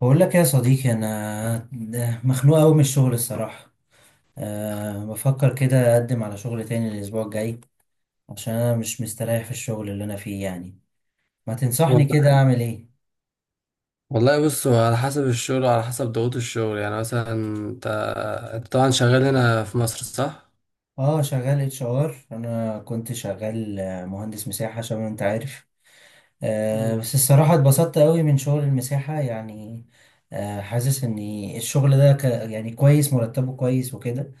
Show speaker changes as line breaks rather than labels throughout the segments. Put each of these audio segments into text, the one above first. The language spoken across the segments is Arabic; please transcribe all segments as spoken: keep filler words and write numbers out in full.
بقول لك يا صديقي، انا ده مخنوق قوي من الشغل الصراحه. أه بفكر كده اقدم على شغل تاني الاسبوع الجاي، عشان انا مش مستريح في الشغل اللي انا فيه يعني. ما تنصحني كده
والله
اعمل ايه؟
والله بص، هو على حسب الشغل وعلى حسب ضغوط الشغل. يعني مثلا انت انت طبعا شغال هنا في مصر، صح؟
اه، شغال اتش ار. انا كنت شغال آه، مهندس مساحه، عشان انت عارف. أه
مم.
بس الصراحه اتبسطت قوي من شغل المساحه يعني. أه حاسس ان الشغل ده ك يعني كويس، مرتبه كويس وكده.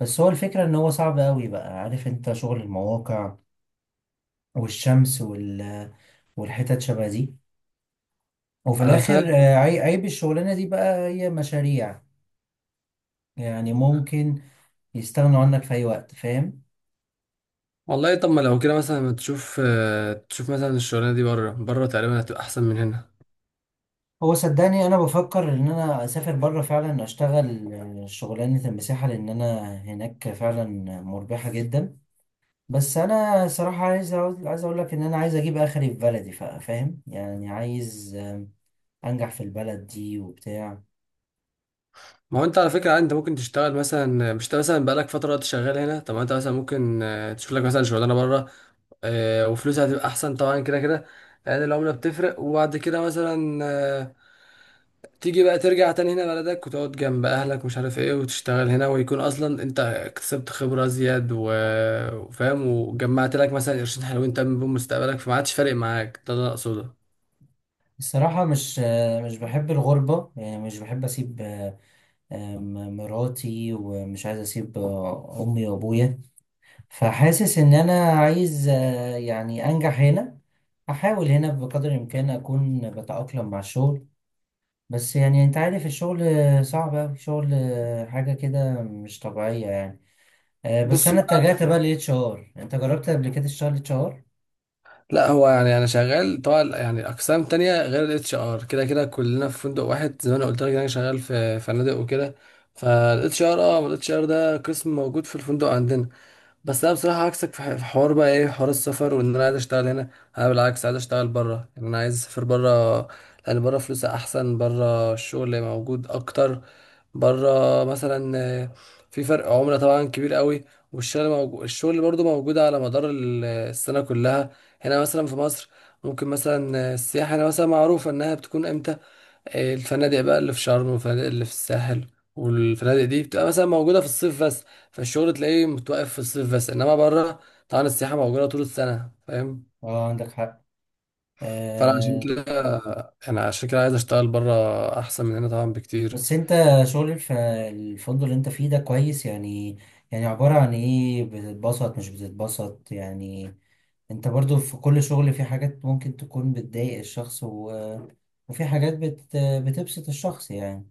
بس هو الفكره ان هو صعب قوي بقى. عارف انت شغل المواقع والشمس وال والحتت شبه دي، وفي
انا فاهم.
الاخر آه، عي- عيب الشغلانه دي بقى هي مشاريع. يعني ممكن يستغنوا عنك في اي وقت، فاهم.
والله طب ما لو كده مثلا ما تشوف، آه، تشوف مثلا الشغلانه دي بره. بره تقريبا هتبقى احسن من هنا.
هو صدقني انا بفكر ان انا اسافر بره، فعلا اشتغل آه، شغلانه المساحه، لان انا هناك فعلا مربحه جدا. بس انا صراحه عايز أقول- عايز اقول لك ان انا عايز اجيب اخري في بلدي، فا- فاهم يعني، عايز آم، انجح في البلد دي وبتاع.
ما هو انت على فكره عادي، انت ممكن تشتغل مثلا، مش انت مثلا بقالك فتره وقت شغال هنا؟ طب ما انت مثلا ممكن آه، تشوف لك مثلا شغلانه بره، آه، وفلوسها هتبقى احسن طبعا كده كده، لان العمله بتفرق. وبعد كده مثلا تيجي بقى ترجع تاني هنا بلدك، وتقعد جنب اهلك ومش عارف ايه، وتشتغل هنا، ويكون اصلا انت اكتسبت خبرة زياد و- وفاهم، وجمعت لك مثلا قرشين حلوين تم بيهم مستقبلك، فما عادش فارق معاك. ده اللي انا اقصده.
الصراحه مش آه، مش بحب الغربه يعني، مش بحب اسيب آه، آم، مراتي، ومش عايز اسيب آه، امي وابويا. فحاسس ان انا عايز آه، يعني انجح هنا، احاول هنا بقدر الامكان اكون بتاقلم مع الشغل. بس يعني انت عارف الشغل آه، صعب اوي، شغل آه، حاجه كده مش طبيعيه يعني. آه، بس
بص
انا
بقى،
اتجهت بقى للاتش ار. انت جربت قبل كده تشتغل اتش ار؟
لا هو يعني انا شغال طبعا يعني اقسام تانية غير الاتش ار. كده كده كلنا في فندق واحد، زي ما انا قلت لك إن انا شغال في فنادق وكده. فالاتش ار، اه الاتش ار ده قسم موجود في الفندق عندنا. بس انا بصراحه عكسك في ح- في حوار بقى، ايه، حوار السفر، وان انا عايز اشتغل هنا. انا بالعكس عايز اشتغل بره، يعني انا عايز اسافر بره، لان بره فلوسها احسن، بره الشغل موجود اكتر. بره مثلا آه، في فرق عمله طبعا كبير قوي. والشغل موجود، الشغل برضو موجود على مدار ال- السنه كلها. هنا مثلا في مصر ممكن مثلا، آه، السياحه هنا مثلا معروفه انها بتكون امتى. الفنادق بقى اللي في شرم، والفنادق اللي في الساحل، والفنادق دي بتبقى مثلا موجودة في الصيف بس. فالشغل تلاقيه متوقف في الصيف بس، انما بره طبعا السياحة موجودة طول السنة. فاهم؟
اه، عندك حق.
فانا عشان
آه،
كده، انا عشان كده عايز اشتغل بره، احسن من هنا طبعا بكتير.
بس انت، شغل في الفندق اللي انت فيه ده كويس يعني؟ يعني عبارة عن ايه، بتتبسط مش بتتبسط يعني؟ انت برضو في كل شغل في حاجات ممكن تكون بتضايق الشخص، و... وفي حاجات بت... بتبسط الشخص يعني.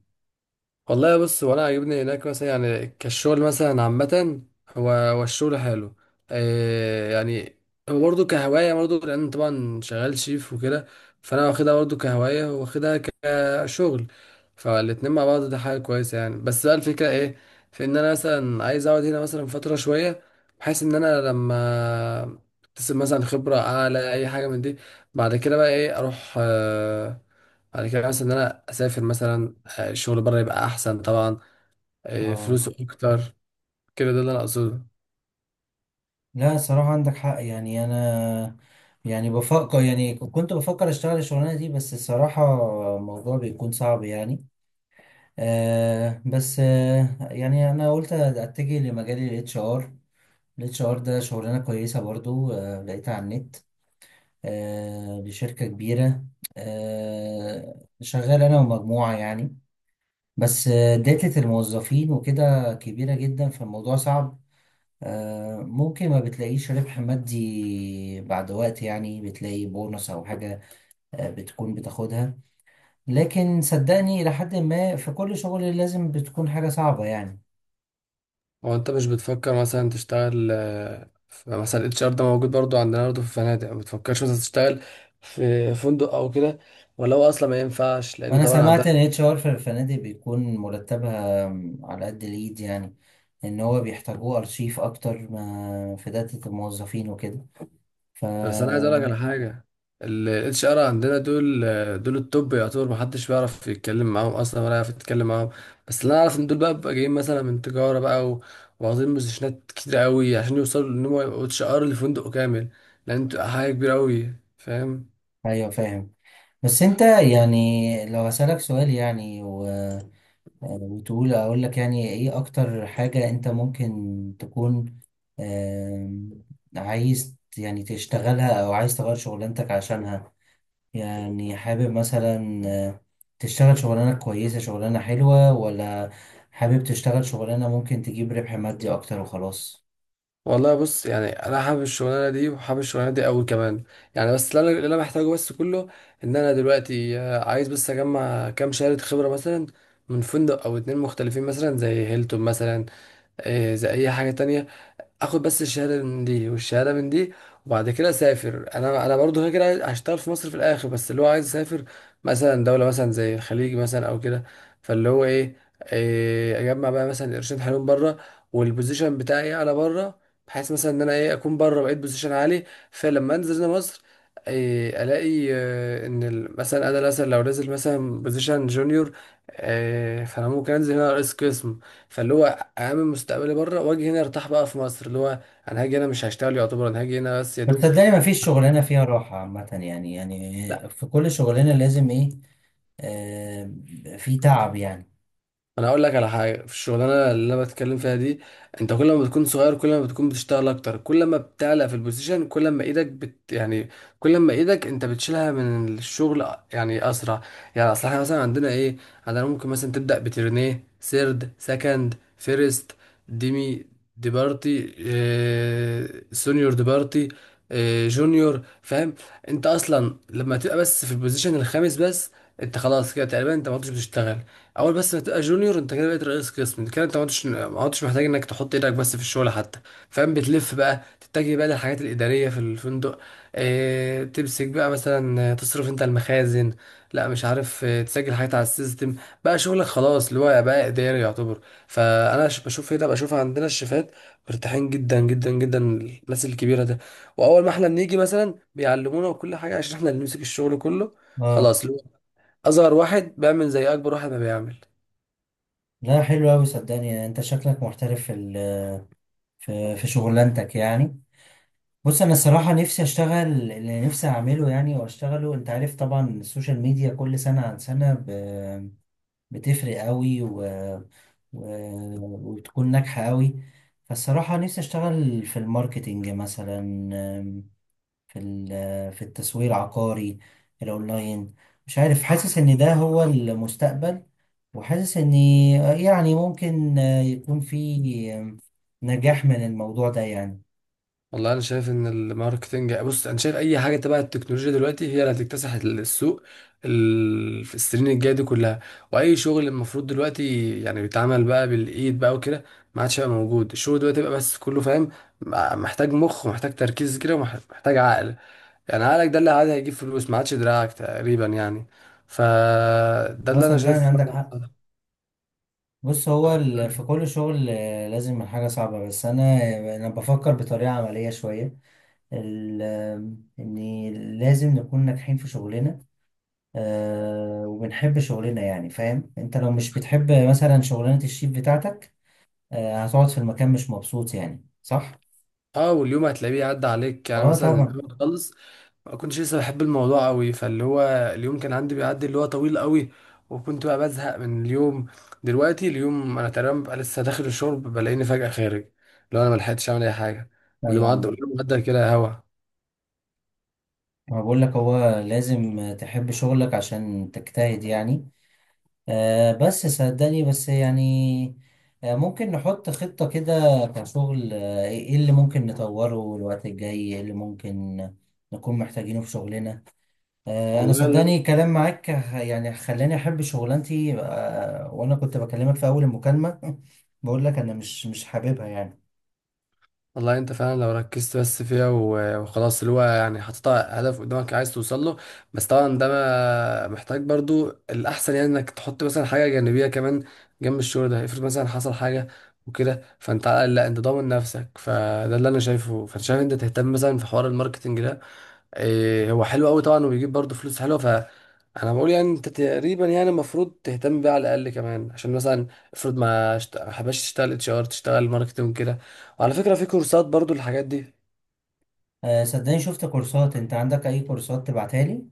والله بص، وانا عاجبني هناك مثلا يعني، كالشغل مثلا عامة، هو هو الشغل حلو آه يعني، هو برضه كهواية، برضه لأن طبعا شغال شيف وكده. فأنا واخدها برضه كهواية، واخدها كشغل، فالاتنين مع بعض ده حاجة كويسة يعني. بس بقى الفكرة ايه، في إن أنا مثلا عايز أقعد هنا مثلا فترة شوية، بحيث إن أنا لما أكتسب مثلا خبرة أعلى أي حاجة من دي، بعد كده بقى ايه، أروح آه، بعد كده مثلا ان انا اسافر مثلا، آه، الشغل بره يبقى احسن طبعا، آه،
اه،
فلوسه اكتر كده. ده اللي انا اقصده.
لا صراحة عندك حق يعني. انا يعني بفكر، يعني كنت بفكر اشتغل الشغلانة دي، بس الصراحة الموضوع بيكون صعب يعني. آه بس آه يعني انا قلت اتجه لمجال الاتش ار. الاتش ار ده شغلانه كويسه برضو، آه، لقيتها على النت، آه، لشركه كبيره، آه، شغال انا ومجموعه يعني. بس آه، داتا الموظفين وكده كبيره جدا، فالموضوع صعب. آه، ممكن ما بتلاقيش ربح مادي، بعد وقت يعني بتلاقي بونص او حاجه آه، بتكون بتاخدها. لكن صدقني، الى حد ما في كل شغل لازم بتكون حاجه صعبه يعني.
هو انت مش بتفكر مثلا تشتغل آه، في- مثلا الاتش ار ده موجود برضو عندنا برضو في الفنادق؟ ما بتفكرش مثلا تشتغل في فندق او كده؟ ولا هو اصلا ما ينفعش لان
وانا
طبعا عندنا،
سمعت ان اتش ار في الفنادق بيكون مرتبها على قد الايد يعني، ان هو بيحتاجوه ارشيف اكتر، ما في داتا الموظفين وكده. ف
بس انا عايز اقول لك على حاجه. الاتش ار عندنا دول دول التوب يعتبر، محدش بيعرف يتكلم معاهم اصلا، ولا يعرف يتكلم معاهم. بس اللي انا اعرف ان دول بقى بيبقى جايين مثلا من تجاره بقى و- واخدين بوزيشنات كتير قوي عشان يوصلوا ان هم يبقوا اتش ار لفندق كامل، لان بتبقى حاجه كبيره قوي. فاهم؟
ايوه، فاهم. بس انت يعني لو هسألك سؤال يعني، و... وتقول اقول لك يعني ايه اكتر حاجة انت ممكن تكون آم، عايز يعني تشتغلها، او عايز تغير شغلانتك عشانها؟ يعني حابب مثلا آه، تشتغل شغلانة كويسة، شغلانة حلوة، ولا حابب تشتغل شغلانة ممكن تجيب ربح مادي أكتر وخلاص؟
والله بص، يعني انا حابب الشغلانه دي، وحابب الشغلانه دي قوي كمان يعني. بس اللي انا اللي انا محتاجه بس كله، ان انا دلوقتي آه، عايز بس اجمع كام شهاده خبره مثلا من فندق او اتنين مختلفين، مثلا زي هيلتون مثلا، إيه، زي اي حاجه تانية. اخد بس الشهاده من دي والشهاده من دي، وبعد كده اسافر. انا انا برضو كده كده عايز- هشتغل في مصر في الاخر، بس اللي هو عايز اسافر مثلا دوله مثلا زي الخليج مثلا او كده. فاللي هو ايه، إيه، اجمع بقى مثلا قرشين حلوين بره، والبوزيشن بتاعي انا بره، بحيث مثلا ان انا ايه، اكون بره بقيت بوزيشن عالي. فلما انزل هنا مصر، إيه، الاقي آه، ان ال- مثلا انا مثلا لو نازل مثلا بوزيشن جونيور، إيه، فانا ممكن انزل هنا رئيس قسم. فاللي هو اعمل مستقبلي بره واجي هنا ارتاح بقى في مصر. اللي هو انا هاجي هنا مش هشتغل، يعتبر انا هاجي هنا بس يا
بس
دوب.
صدقني مفيش شغلانة فيها راحة عامة يعني، يعني في كل شغلانة لازم إيه، آه في تعب يعني.
انا اقول لك على حاجه، في الشغلانه اللي انا بتكلم فيها دي، انت كل ما بتكون صغير، كل ما بتكون بتشتغل اكتر. كل ما بتعلى في البوزيشن، كل ما ايدك بت يعني، كل ما ايدك انت بتشيلها من الشغل، يعني اسرع. يعني اصل احنا مثلا عندنا ايه، عندنا ممكن مثلا تبدا بترنيه، سيرد، سكند، فيرست، ديمي، ديبارتي، آه، سونيور ديبارتي، آه، جونيور. فاهم؟ انت اصلا لما تبقى بس في البوزيشن الخامس بس، انت خلاص كده تقريبا انت ما عدتش بتشتغل. اول بس ما تبقى جونيور، انت كده بقيت رئيس قسم، انت كده انت ما عدتش ما عدتش محتاج انك تحط ايدك بس في الشغل حتى. فاهم؟ بتلف بقى تتجه بقى للحاجات الاداريه في الفندق. اه، تمسك بقى مثلا، آه، تصرف انت المخازن، لا مش عارف، آه، تسجل حاجات على السيستم، بقى شغلك خلاص اللي هو بقى اداري يعتبر. فانا ش- بشوف هنا، بشوف عندنا الشيفات مرتاحين جدا جدا جدا، الناس الكبيره ده. واول ما احنا بنيجي مثلا بيعلمونا وكل حاجه، عشان احنا اللي نمسك الشغل كله.
اه،
خلاص، اللي هو اصغر واحد بيعمل زي اكبر واحد ما بيعمل.
لا حلو أوي صدقني، يعني أنت شكلك محترف في ال- في في شغلانتك يعني. بص أنا الصراحة نفسي أشتغل اللي نفسي أعمله يعني، وأشتغله. أنت عارف طبعا السوشيال ميديا كل سنة عن سنة بتفرق قوي و... و... وتكون ناجحة قوي. فالصراحة نفسي أشتغل في الماركتينج مثلا، آم، في ال... في التسويق العقاري الأونلاين. مش عارف، حاسس إن ده هو المستقبل، وحاسس إن يعني ممكن آه، يكون في آم، نجاح من الموضوع ده يعني.
والله انا شايف ان الماركتنج، بص، انا شايف اي حاجه تبع التكنولوجيا دلوقتي هي اللي هتكتسح السوق، ال- في السنين الجايه دي كلها. واي شغل المفروض دلوقتي يعني بيتعمل بقى بالايد بقى وكده، ما عادش هيبقى موجود. الشغل دلوقتي بقى بس كله فاهم، محتاج مخ، ومحتاج تركيز كده، ومحتاج عقل. يعني عقلك ده اللي عاد هيجيب فلوس، ما عادش دراعك تقريبا يعني. فده
هو
اللي انا
صدقني
شايفه
عندك حق.
فعلا.
بص هو ال... في كل شغل آه، لازم الحاجة صعبة. بس أنا أنا بفكر بطريقة عملية شوية، ال- ان لازم نكون ناجحين في شغلنا، آه، وبنحب شغلنا يعني. فاهم انت لو مش بتحب مثلا شغلانة الشيف بتاعتك، آه، هتقعد في المكان مش مبسوط يعني، صح؟
اه، واليوم هتلاقيه عدى عليك يعني.
اه
مثلا
طبعا.
اليوم خلص، ما كنتش لسه بحب الموضوع قوي، فاللي هو اليوم كان عندي بيعدي اللي هو طويل قوي، وكنت بقى بزهق من اليوم. دلوقتي اليوم انا تقريبا ببقى لسه داخل الشرب، بلاقيني فجأة خارج، لو انا ما لحقتش اعمل اي حاجه. واليوم
ايوه،
عدى،
عم.
واليوم عدى كده هوا.
ما بقول لك هو لازم تحب شغلك عشان تجتهد يعني. آه، بس صدقني، بس يعني آه، ممكن نحط خطة كده كشغل. آه، ايه اللي ممكن نطوره الوقت الجاي، ايه اللي ممكن نكون محتاجينه في شغلنا؟ آه، انا
والله
صدقني كلام معاك ه- يعني خلاني احب شغلانتي، آه، وانا كنت بكلمك في اول المكالمة بقول لك انا مش مش حاببها يعني.
والله انت فعلا لو ركزت بس فيها و- وخلاص، اللي هو يعني حطيت هدف قدامك عايز توصل له. بس طبعا ده ما محتاج برضو، الاحسن يعني انك تحط مثلا حاجه جانبيه كمان جنب الشغل ده، افرض مثلا حصل حاجه وكده، فانت على الأقل لا، انت ضامن نفسك. فده اللي انا شايفه. فانت شايف انت تهتم مثلا في حوار الماركتنج ده، إيه، هو حلو قوي طبعا، وبيجيب برضه فلوس حلوه. فانا بقول يعني انت تقريبا يعني المفروض تهتم بيه على الاقل كمان، عشان مثلا افرض ما شت- ما حباش تشتغل اتش ار، تشتغل ماركتنج كده. وعلى فكره في كورسات برضه الحاجات دي.
آه، صدقني شفت كورسات. انت عندك اي كورسات تبعتها لي؟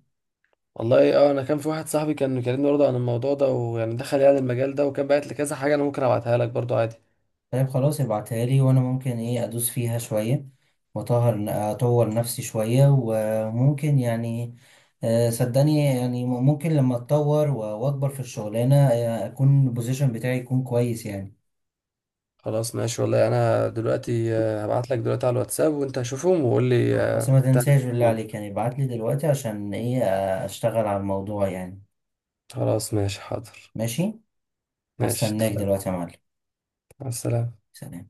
والله اه، انا كان في واحد صاحبي كان بيكلمني برضه عن الموضوع ده، ويعني دخل يعني المجال ده، وكان بعت لي كذا حاجه. انا ممكن ابعتها لك برضه عادي.
طيب خلاص ابعتها لي وانا ممكن ايه ادوس فيها شوية، واطهر اطور نفسي شوية، وممكن يعني آه، صدقني يعني ممكن لما اتطور و- واكبر في الشغلانة، آه، اكون البوزيشن بتاعي يكون كويس يعني.
خلاص ماشي، والله انا دلوقتي آه، هبعت لك دلوقتي على الواتساب، وانت شوفهم وقول لي
بس
آه،
ما
هتعمل ايه
تنساش
في
بالله
الموضوع ده.
عليك يعني، ابعت لي دلوقتي عشان ايه آه، اشتغل على الموضوع يعني.
خلاص ماشي، حاضر.
ماشي،
ماشي
هستناك
اتفقنا.
دلوقتي يا معلم.
مع السلامه.
سلام.